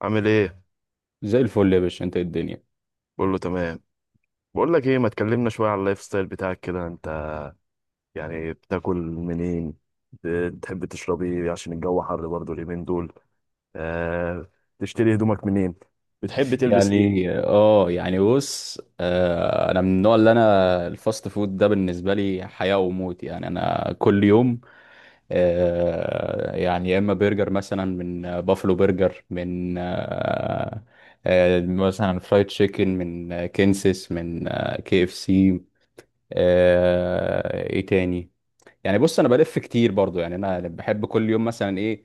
عامل ايه؟ زي الفل يا باشا، انت ايه الدنيا؟ بقول له تمام. بقول لك ايه، ما تكلمنا شويه على اللايف ستايل بتاعك كده انت. يعني بتاكل منين؟ بتحب تشرب ايه عشان الجو حر برضه اليومين دول؟ آه. تشتري هدومك منين؟ بتحب تلبس ايه؟ يعني اه يعني بص آه انا من النوع اللي الفاست فود ده بالنسبه لي حياه وموت، يعني انا كل يوم يا اما برجر مثلا من بافلو برجر، من آه آه مثلا فرايد تشيكن من كنسس، كي اف سي. ايه تاني؟ يعني بص انا بلف كتير برضو، يعني انا بحب كل يوم مثلا ايه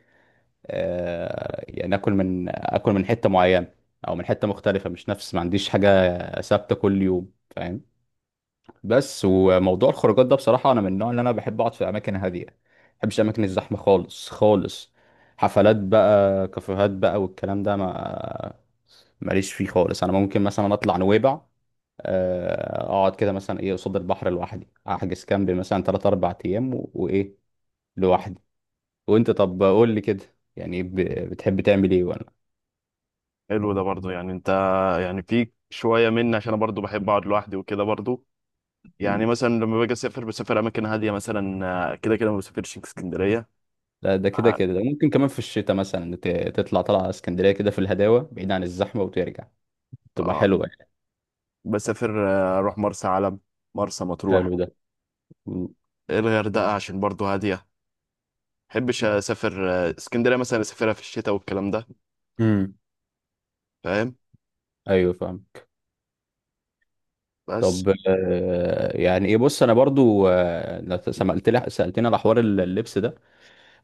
آه، يعني اكل من حته معينه او من حته مختلفه، مش نفس ما عنديش حاجه ثابته كل يوم، فاهم؟ بس وموضوع الخروجات ده بصراحه انا من النوع اللي بحب اقعد في اماكن هاديه، ما بحبش اماكن الزحمه خالص خالص. حفلات بقى، كافيهات بقى والكلام ده، ما ماليش فيه خالص. انا ممكن مثلا اطلع نويبع، اقعد كده مثلا قصاد البحر لوحدي، احجز كامب مثلا 3 4 ايام، لوحدي. وانت طب قول لي كده، يعني بتحب تعمل ايه؟ حلو ده برضه، يعني انت، يعني فيك شويه مني عشان انا برضه بحب اقعد لوحدي وكده برضه. مم. يعني مثلا لما باجي اسافر بسافر اماكن هاديه مثلا. آه، كده كده ما بسافرش اسكندريه. لا ده كده آه كده ده ممكن كمان في الشتاء مثلا تطلع طلعة على اسكندرية كده، في الهداوة بعيد عن الزحمة وترجع، تبقى آه، حلوة يعني. بسافر اروح مرسى علم، مرسى مطروح، حلو ده. مم. الغردقه عشان برضه هاديه. بحبش اسافر اسكندريه مثلا اسافرها في الشتاء والكلام ده، امم فاهم؟ ايوه فاهم. بس. طب آه، يعني ايه بص انا برضو، لو سمعت لي، سالتني على حوار اللبس ده.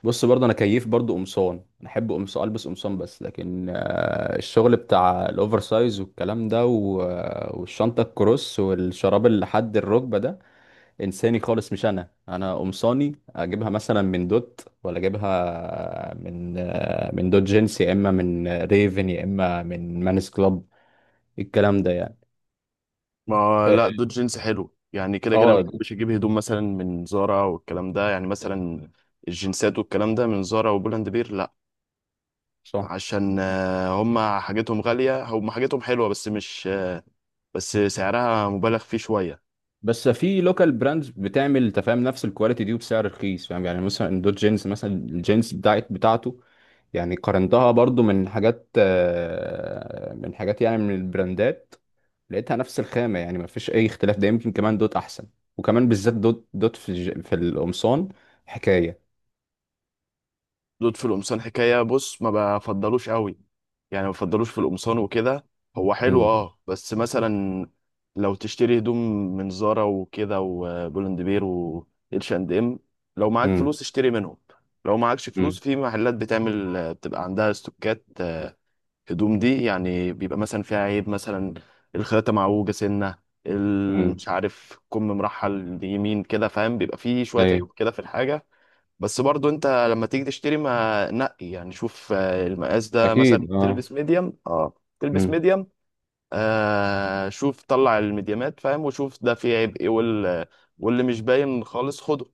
بص برضو انا كيف برضو قمصان، انا احب قمصان، البس قمصان بس، لكن الشغل بتاع الاوفر سايز والكلام ده والشنطه الكروس والشراب اللي لحد الركبه ده، انساني خالص. مش انا. قمصاني اجيبها مثلا من دوت ولا اجيبها من دوت جينز، يا اما من ريفن، يا اما من مانس كلاب، الكلام ده يعني. ما لا، دول جينز حلو، يعني كده كده ما اه. بحبش اجيب هدوم مثلا من زارا والكلام ده، يعني مثلا الجنسات والكلام ده من زارا وبولاند بير، لا. صح. عشان هما حاجتهم غاليه، هما حاجتهم حلوه، بس مش بس سعرها مبالغ فيه شويه. بس في لوكال براندز بتعمل، تفهم، نفس الكواليتي دي وبسعر رخيص، فاهم؟ يعني مثلا دوت جينز مثلا الجينز بتاعته، يعني قارنتها برضو من حاجات، من حاجات يعني من البراندات، لقيتها نفس الخامة، يعني مفيش أي اختلاف. ده يمكن كمان دوت أحسن، وكمان بالذات دوت في في القمصان حكاية. دود في القمصان حكاية، بص، ما بفضلوش قوي، يعني ما بفضلوش في القمصان وكده. هو حلو امم اه بس مثلا لو تشتري هدوم من زارا وكده وبولند بير واتش اند ام، لو معاك امم فلوس اشتري منهم. لو معاكش فلوس، امم في محلات بتعمل بتبقى عندها استوكات، هدوم دي يعني بيبقى مثلا فيها عيب، مثلا الخياطة معوجة سنة، امم مش عارف كم مرحل يمين كده، فاهم؟ بيبقى فيه شوية أيوة. عيوب كده في الحاجة. بس برضو، انت لما تيجي تشتري ما نقي، يعني شوف المقاس ده، مثلا أكيد أه. تلبس ميديم، تلبس امم ميديم، شوف طلع الميديمات، فاهم؟ وشوف ده فيه عيب ايه واللي مش باين خالص خده.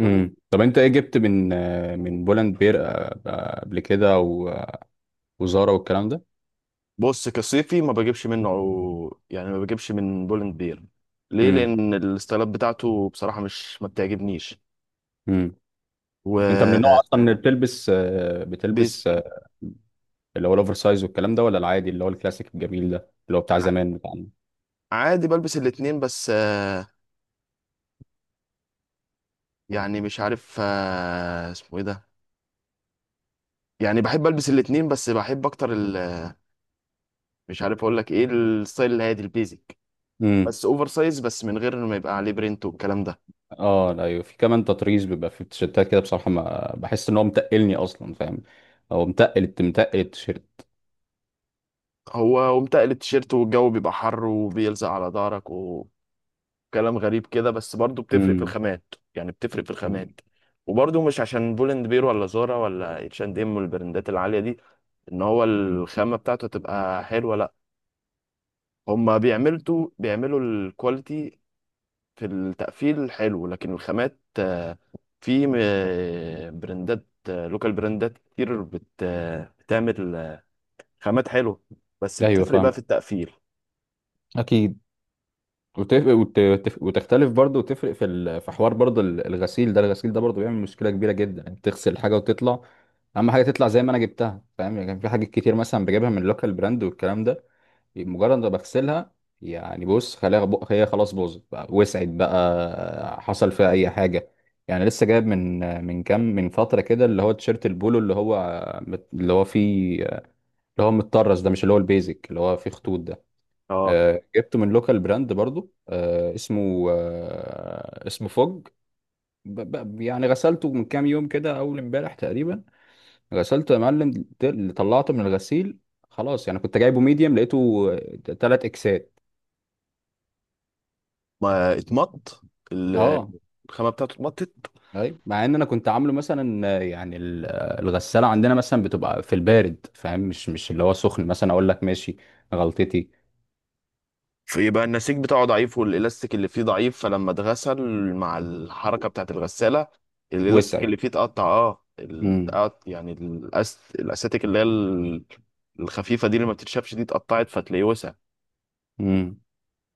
طب أنت إيه جبت من من بولاند بير قبل كده وزارا والكلام ده؟ بص، كصيفي ما بجيبش منه، يعني ما بجيبش من بولند بير. ليه؟ امم لان الستايلات بتاعته بصراحة مش، ما بتعجبنيش. امم أنت من النوع و أصلا اللي بتلبس، بيز- اللي هو الأوفر سايز والكلام ده، ولا العادي اللي هو الكلاسيك الجميل ده اللي هو بتاع زمان بتاعنا؟ عادي بلبس الاتنين، بس يعني مش عارف اسمه ايه ده، يعني بحب البس الاتنين، بس بحب اكتر مش عارف اقول لك ايه، الستايل الهادي البيزك، بس اوفر سايز، بس من غير ما يبقى عليه برينت والكلام ده. اه لا، ايوه في كمان تطريز بيبقى في التيشيرتات كده، بصراحه ما بحس ان هو متقلني اصلا فاهم. هو متقل متقل التيشيرت. هو ومتقل التيشيرت، والجو بيبقى حر وبيلزق على ظهرك، وكلام غريب كده، بس برضه بتفرق في امم الخامات، يعني بتفرق في أمم، الخامات. وبرضه مش عشان بولند بير ولا زارا ولا اتش اند ام والبراندات العاليه دي ان هو أمم. الخامه بتاعته تبقى حلوه، لا. هما بيعملوا الكواليتي في التقفيل حلو، لكن الخامات، في براندات، لوكال براندات كتير بت آه، بتعمل خامات حلوة، بس ايوه بتفرق بقى في فاهم. التقفيل. اكيد. وتختلف برضه، وتفرق في في حوار برضه الغسيل ده، الغسيل ده برضه بيعمل مشكله كبيره جدا. انت تغسل حاجه وتطلع، اهم حاجه تطلع زي ما انا جبتها، فاهم؟ يعني كان في حاجات كتير مثلا بجيبها من لوكال براند والكلام ده، مجرد ما بغسلها، يعني بص هي خلاص باظت بقى، وسعت بقى، حصل فيها اي حاجه. يعني لسه جايب من كام، من فتره كده، اللي هو تيشيرت البولو، اللي هو فيه، اللي هو متطرز ده، مش اللي هو البيزك اللي هو فيه خطوط ده. اه. جبته من لوكال براند برضو، اسمه اسمه فوج. ب- غسلته من كام يوم كده، اول امبارح تقريبا غسلته يا معلم. طلعته من الغسيل، خلاص. يعني كنت جايبه ميديم، لقيته تلات اكسات. ما اتمط، ال- اه. الخامة بتاعته اتمطت، ايوه مع ان انا كنت عامله مثلا، الغساله عندنا مثلا بتبقى في البارد، فاهم؟ مش اللي هو سخن مثلا، اقول لك ماشي، غلطتي. فيبقى النسيج بتاعه ضعيف والالاستيك اللي فيه ضعيف، فلما اتغسل مع الحركة بتاعت الغسالة، الالاستيك وسع. اللي فيه اتقطع، اه، امم يعني الاساتيك اللي هي الخفيفة دي اللي ما بتتشافش دي اتقطعت، فتلاقيه وسع. امم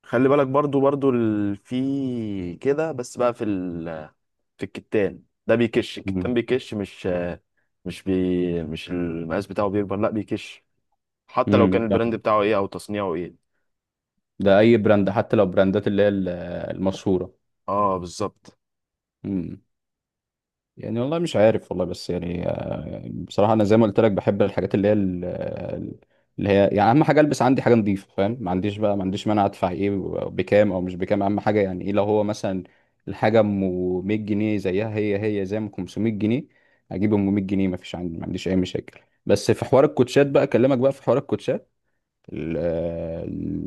خلي بالك، برضو في كده، بس بقى في الكتان ده بيكش، الكتان بيكش، مش المقاس بتاعه بيكبر، لا بيكش، حتى لو كان امم البراند بتاعه ايه او تصنيعه ايه. ده اي براند، حتى لو براندات اللي هي المشهوره. اه بالظبط. يعني والله مش عارف والله. بس يعني، بصراحة أنا زي ما قلت لك، بحب الحاجات اللي هي اللي هي يعني أهم حاجة، ألبس عندي حاجة نظيفة، فاهم؟ ما عنديش بقى، ما عنديش مانع أدفع إيه، بكام أو مش بكام. أهم حاجة يعني إيه، لو هو مثلا الحاجة أم 100 جنيه زيها هي هي زي ما 500 جنيه، أجيب أم 100 جنيه. ما فيش عندي، ما عنديش أي مشاكل. بس في حوار الكوتشات بقى، أكلمك بقى في حوار الكوتشات. ال- آه،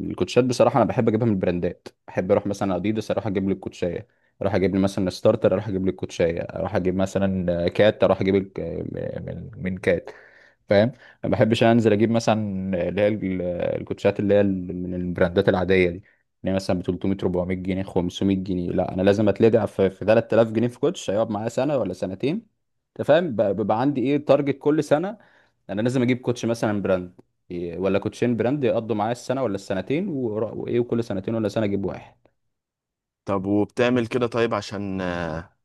الكوتشات بصراحه انا بحب اجيبها من البراندات. بحب اروح مثلا اديدس اروح اجيب لي الكوتشايه، اروح اجيب لي مثلا ستارتر اروح اجيب لي الكوتشايه، اروح اجيب مثلا كات، اروح اجيب من كات، فاهم؟ ما بحبش انزل اجيب مثلا اللي هي الكوتشات اللي هي من البراندات العاديه دي، اللي هي مثلا ب 300 400 جنيه 500 جنيه، لا. انا لازم اتلدع في 3000 جنيه في كوتش هيقعد معايا سنه ولا سنتين، انت فاهم؟ بيبقى عندي ايه تارجت كل سنه، انا لازم اجيب كوتش مثلا براند، ولا كوتشين براند، يقضوا معايا السنه ولا السنتين، ورا- وايه وكل سنتين ولا سنه اجيب واحد. طب وبتعمل كده طيب عشان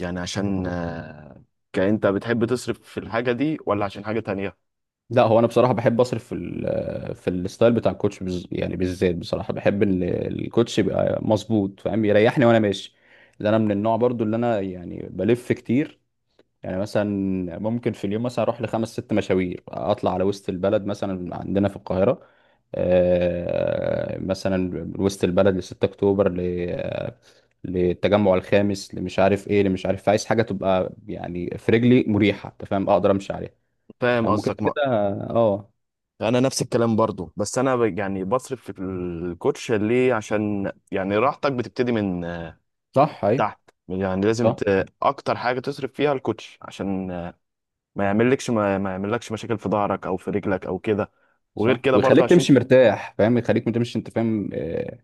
يعني، عشان كأنت بتحب تصرف في الحاجة دي ولا عشان حاجة تانية؟ لا هو انا بصراحه بحب اصرف في في الستايل بتاع الكوتش يعني بالذات، بصراحه بحب ان الكوتش يبقى مظبوط، فاهم؟ يريحني وانا ماشي. لان انا من النوع برضو اللي يعني بلف كتير. يعني مثلا ممكن في اليوم مثلا اروح لخمس ست مشاوير، اطلع على وسط البلد مثلا عندنا في القاهره. مثلا من وسط البلد ل 6 اكتوبر، للتجمع الخامس، اللي مش عارف ايه، اللي مش عارف. عايز حاجه تبقى يعني في رجلي مريحه، انت فاهم؟ اقدر امشي عليها، فاهم يعني ممكن قصدك. ما كده. اه. انا نفس الكلام برضو، بس انا يعني بصرف في الكوتش ليه؟ عشان يعني راحتك بتبتدي من صح. تحت، يعني لازم صح. اكتر حاجه تصرف فيها الكوتش، عشان ما يعملكش، ما يعملكش مشاكل في ظهرك او في رجلك او كده، وغير صح، كده برضه ويخليك عشان. تمشي مرتاح، فاهم؟ يخليك ما تمشي انت فاهم،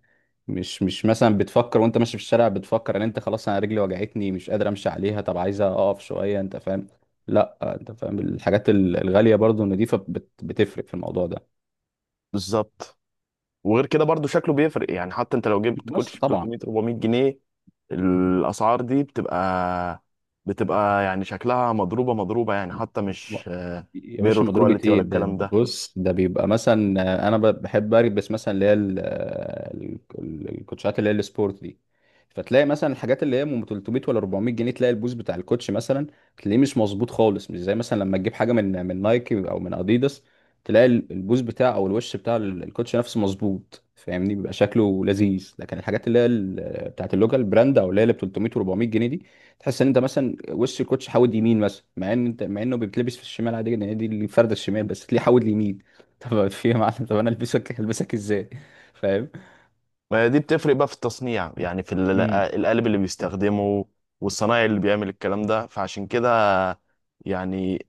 مش مثلا بتفكر وانت ماشي في الشارع، بتفكر ان انت خلاص انا رجلي وجعتني مش قادر امشي عليها، طب عايزه اقف شويه، انت فاهم؟ لا انت فاهم الحاجات الغاليه برضو النضيفه بتفرق في الموضوع ده بالظبط. وغير كده برضه شكله بيفرق، يعني حتى انت لو جبت بس كوتش ب طبعا. 300 400 جنيه، الاسعار دي بتبقى، بتبقى يعني شكلها مضروبه مضروبه، يعني حتى مش يا باشا ميرور مضروبة كواليتي ايه ولا ده, الكلام ده ده. بص ده بيبقى مثلا، انا بحب البس مثلا اللي هي الكوتشات اللي هي السبورت دي. فتلاقي مثلا الحاجات اللي هي من 300 ولا 400 جنيه، تلاقي البوز بتاع الكوتش مثلا، تلاقيه مش مظبوط خالص، مش زي مثلا لما تجيب حاجة من نايكي او من اديداس، تلاقي البوز بتاع او الوش بتاع الكوتش نفسه مظبوط، فاهمني؟ بيبقى شكله لذيذ. لكن الحاجات اللي هي بتاعت اللوكال براند، او اللي هي اللي ب 300 و400 جنيه، تحس ان انت مثلا وش الكوتش حاود يمين مثلا، مع ان انت، مع انه بيتلبس في الشمال عادي جدا، هي دي الفرده الشمال، بس تلاقيه حاود اليمين. طب في يا معلم، طب انا البسك ازاي؟ فاهم. ما دي بتفرق بقى في التصنيع، يعني في امم. القالب اللي بيستخدمه والصنايعي اللي بيعمل الكلام ده، فعشان كده يعني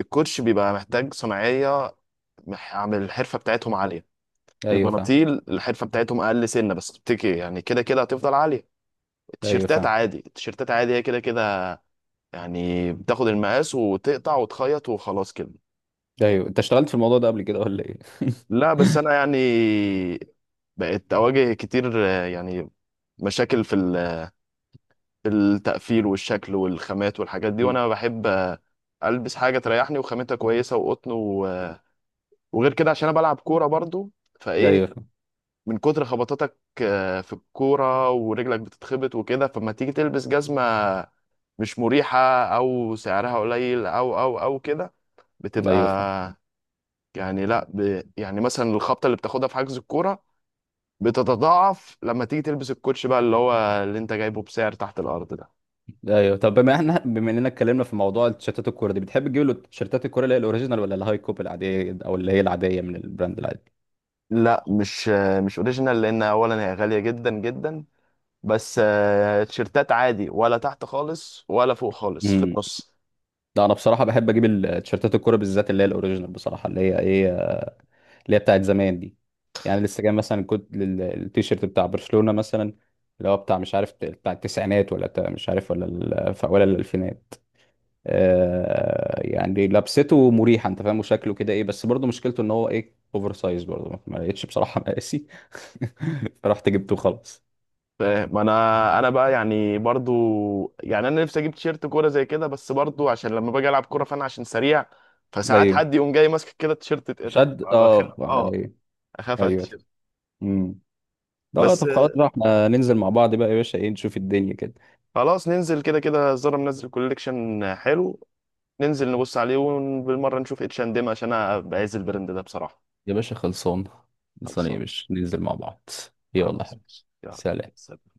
الكوتش بيبقى محتاج صناعية، عامل الحرفة بتاعتهم عالية. ايوه فاهم. البناطيل الحرفة بتاعتهم أقل، سنة بس بتكي، يعني كده كده هتفضل عالية. ايوه التيشيرتات فاهم. عادي، التيشيرتات عادي، هي كده كده يعني بتاخد المقاس وتقطع وتخيط وخلاص كده. ايوه انت اشتغلت في الموضوع ده قبل كده ولا ايه؟ لا بس أنا يعني بقيت أواجه كتير، يعني مشاكل في التقفيل والشكل والخامات والحاجات دي، مم. وأنا بحب ألبس حاجة تريحني وخامتها كويسة وقطن وغير كده عشان أنا بلعب كورة برضو، ده فإيه، ايوه فاهم. من كتر خبطاتك في الكورة ورجلك بتتخبط وكده، فما تيجي تلبس جزمة مش مريحة، أو سعرها قليل، أو كده، بتبقى ايوه فاهم. يعني، لا ب... يعني مثلا الخبطة اللي بتاخدها في حجز الكورة بتتضاعف لما تيجي تلبس الكوتش بقى، اللي هو اللي انت جايبه بسعر تحت الأرض ده. ده ايوه. طب بما احنا، بما اننا اتكلمنا في موضوع التيشيرتات الكوره دي، بتحب تجيب له تيشيرتات الكوره اللي هي الاوريجينال، ولا الهاي كوب العاديه، او اللي هي العاديه من البراند العادي؟ لا مش مش اوريجينال، لأن أولا هي غالية جدا جدا، بس تيشيرتات عادي، ولا تحت خالص ولا فوق خالص، في امم. النص. ده انا بصراحه بحب اجيب التيشيرتات الكوره بالذات اللي هي الاوريجينال، بصراحه اللي هي اللي هي بتاعت زمان دي. يعني لسه جاي مثلا، كنت التيشيرت بتاع برشلونة مثلا، اللي هو بتاع مش عارف، بتاع التسعينات ولا بتاع مش عارف، ولا ولا الألفينات. آه يعني لبسته مريحة، انت فاهم؟ وشكله كده بس برضه مشكلته ان هو اوفر سايز برضه، ما لقيتش بصراحة مقاسي. فرحت جبته خلاص. فاهم. انا بقى يعني برضو، يعني انا نفسي اجيب تيشيرت كوره زي كده، بس برضو عشان لما باجي العب كوره فانا عشان سريع، فساعات ايوه. حد يقوم جاي ماسك كده التيشيرت اتقطع، شد. بخاف، اه. اه، ايوه. اخاف على ايوه. التيشيرت. امم. لا لا، بس طب خلاص بقى احنا ننزل مع بعض بقى يا باشا، ايه نشوف الدنيا كده. خلاص، ننزل كده كده، زارا منزل كوليكشن حلو، ننزل نبص عليه وبالمره نشوف اتش اند ام، عشان انا بعز البراند ده بصراحه. يا باشا خلصان. خلصان يا خلصان. باشا، ننزل مع بعض. يلا خلاص حبيبي. ماشي. يلا. سلام. سلام.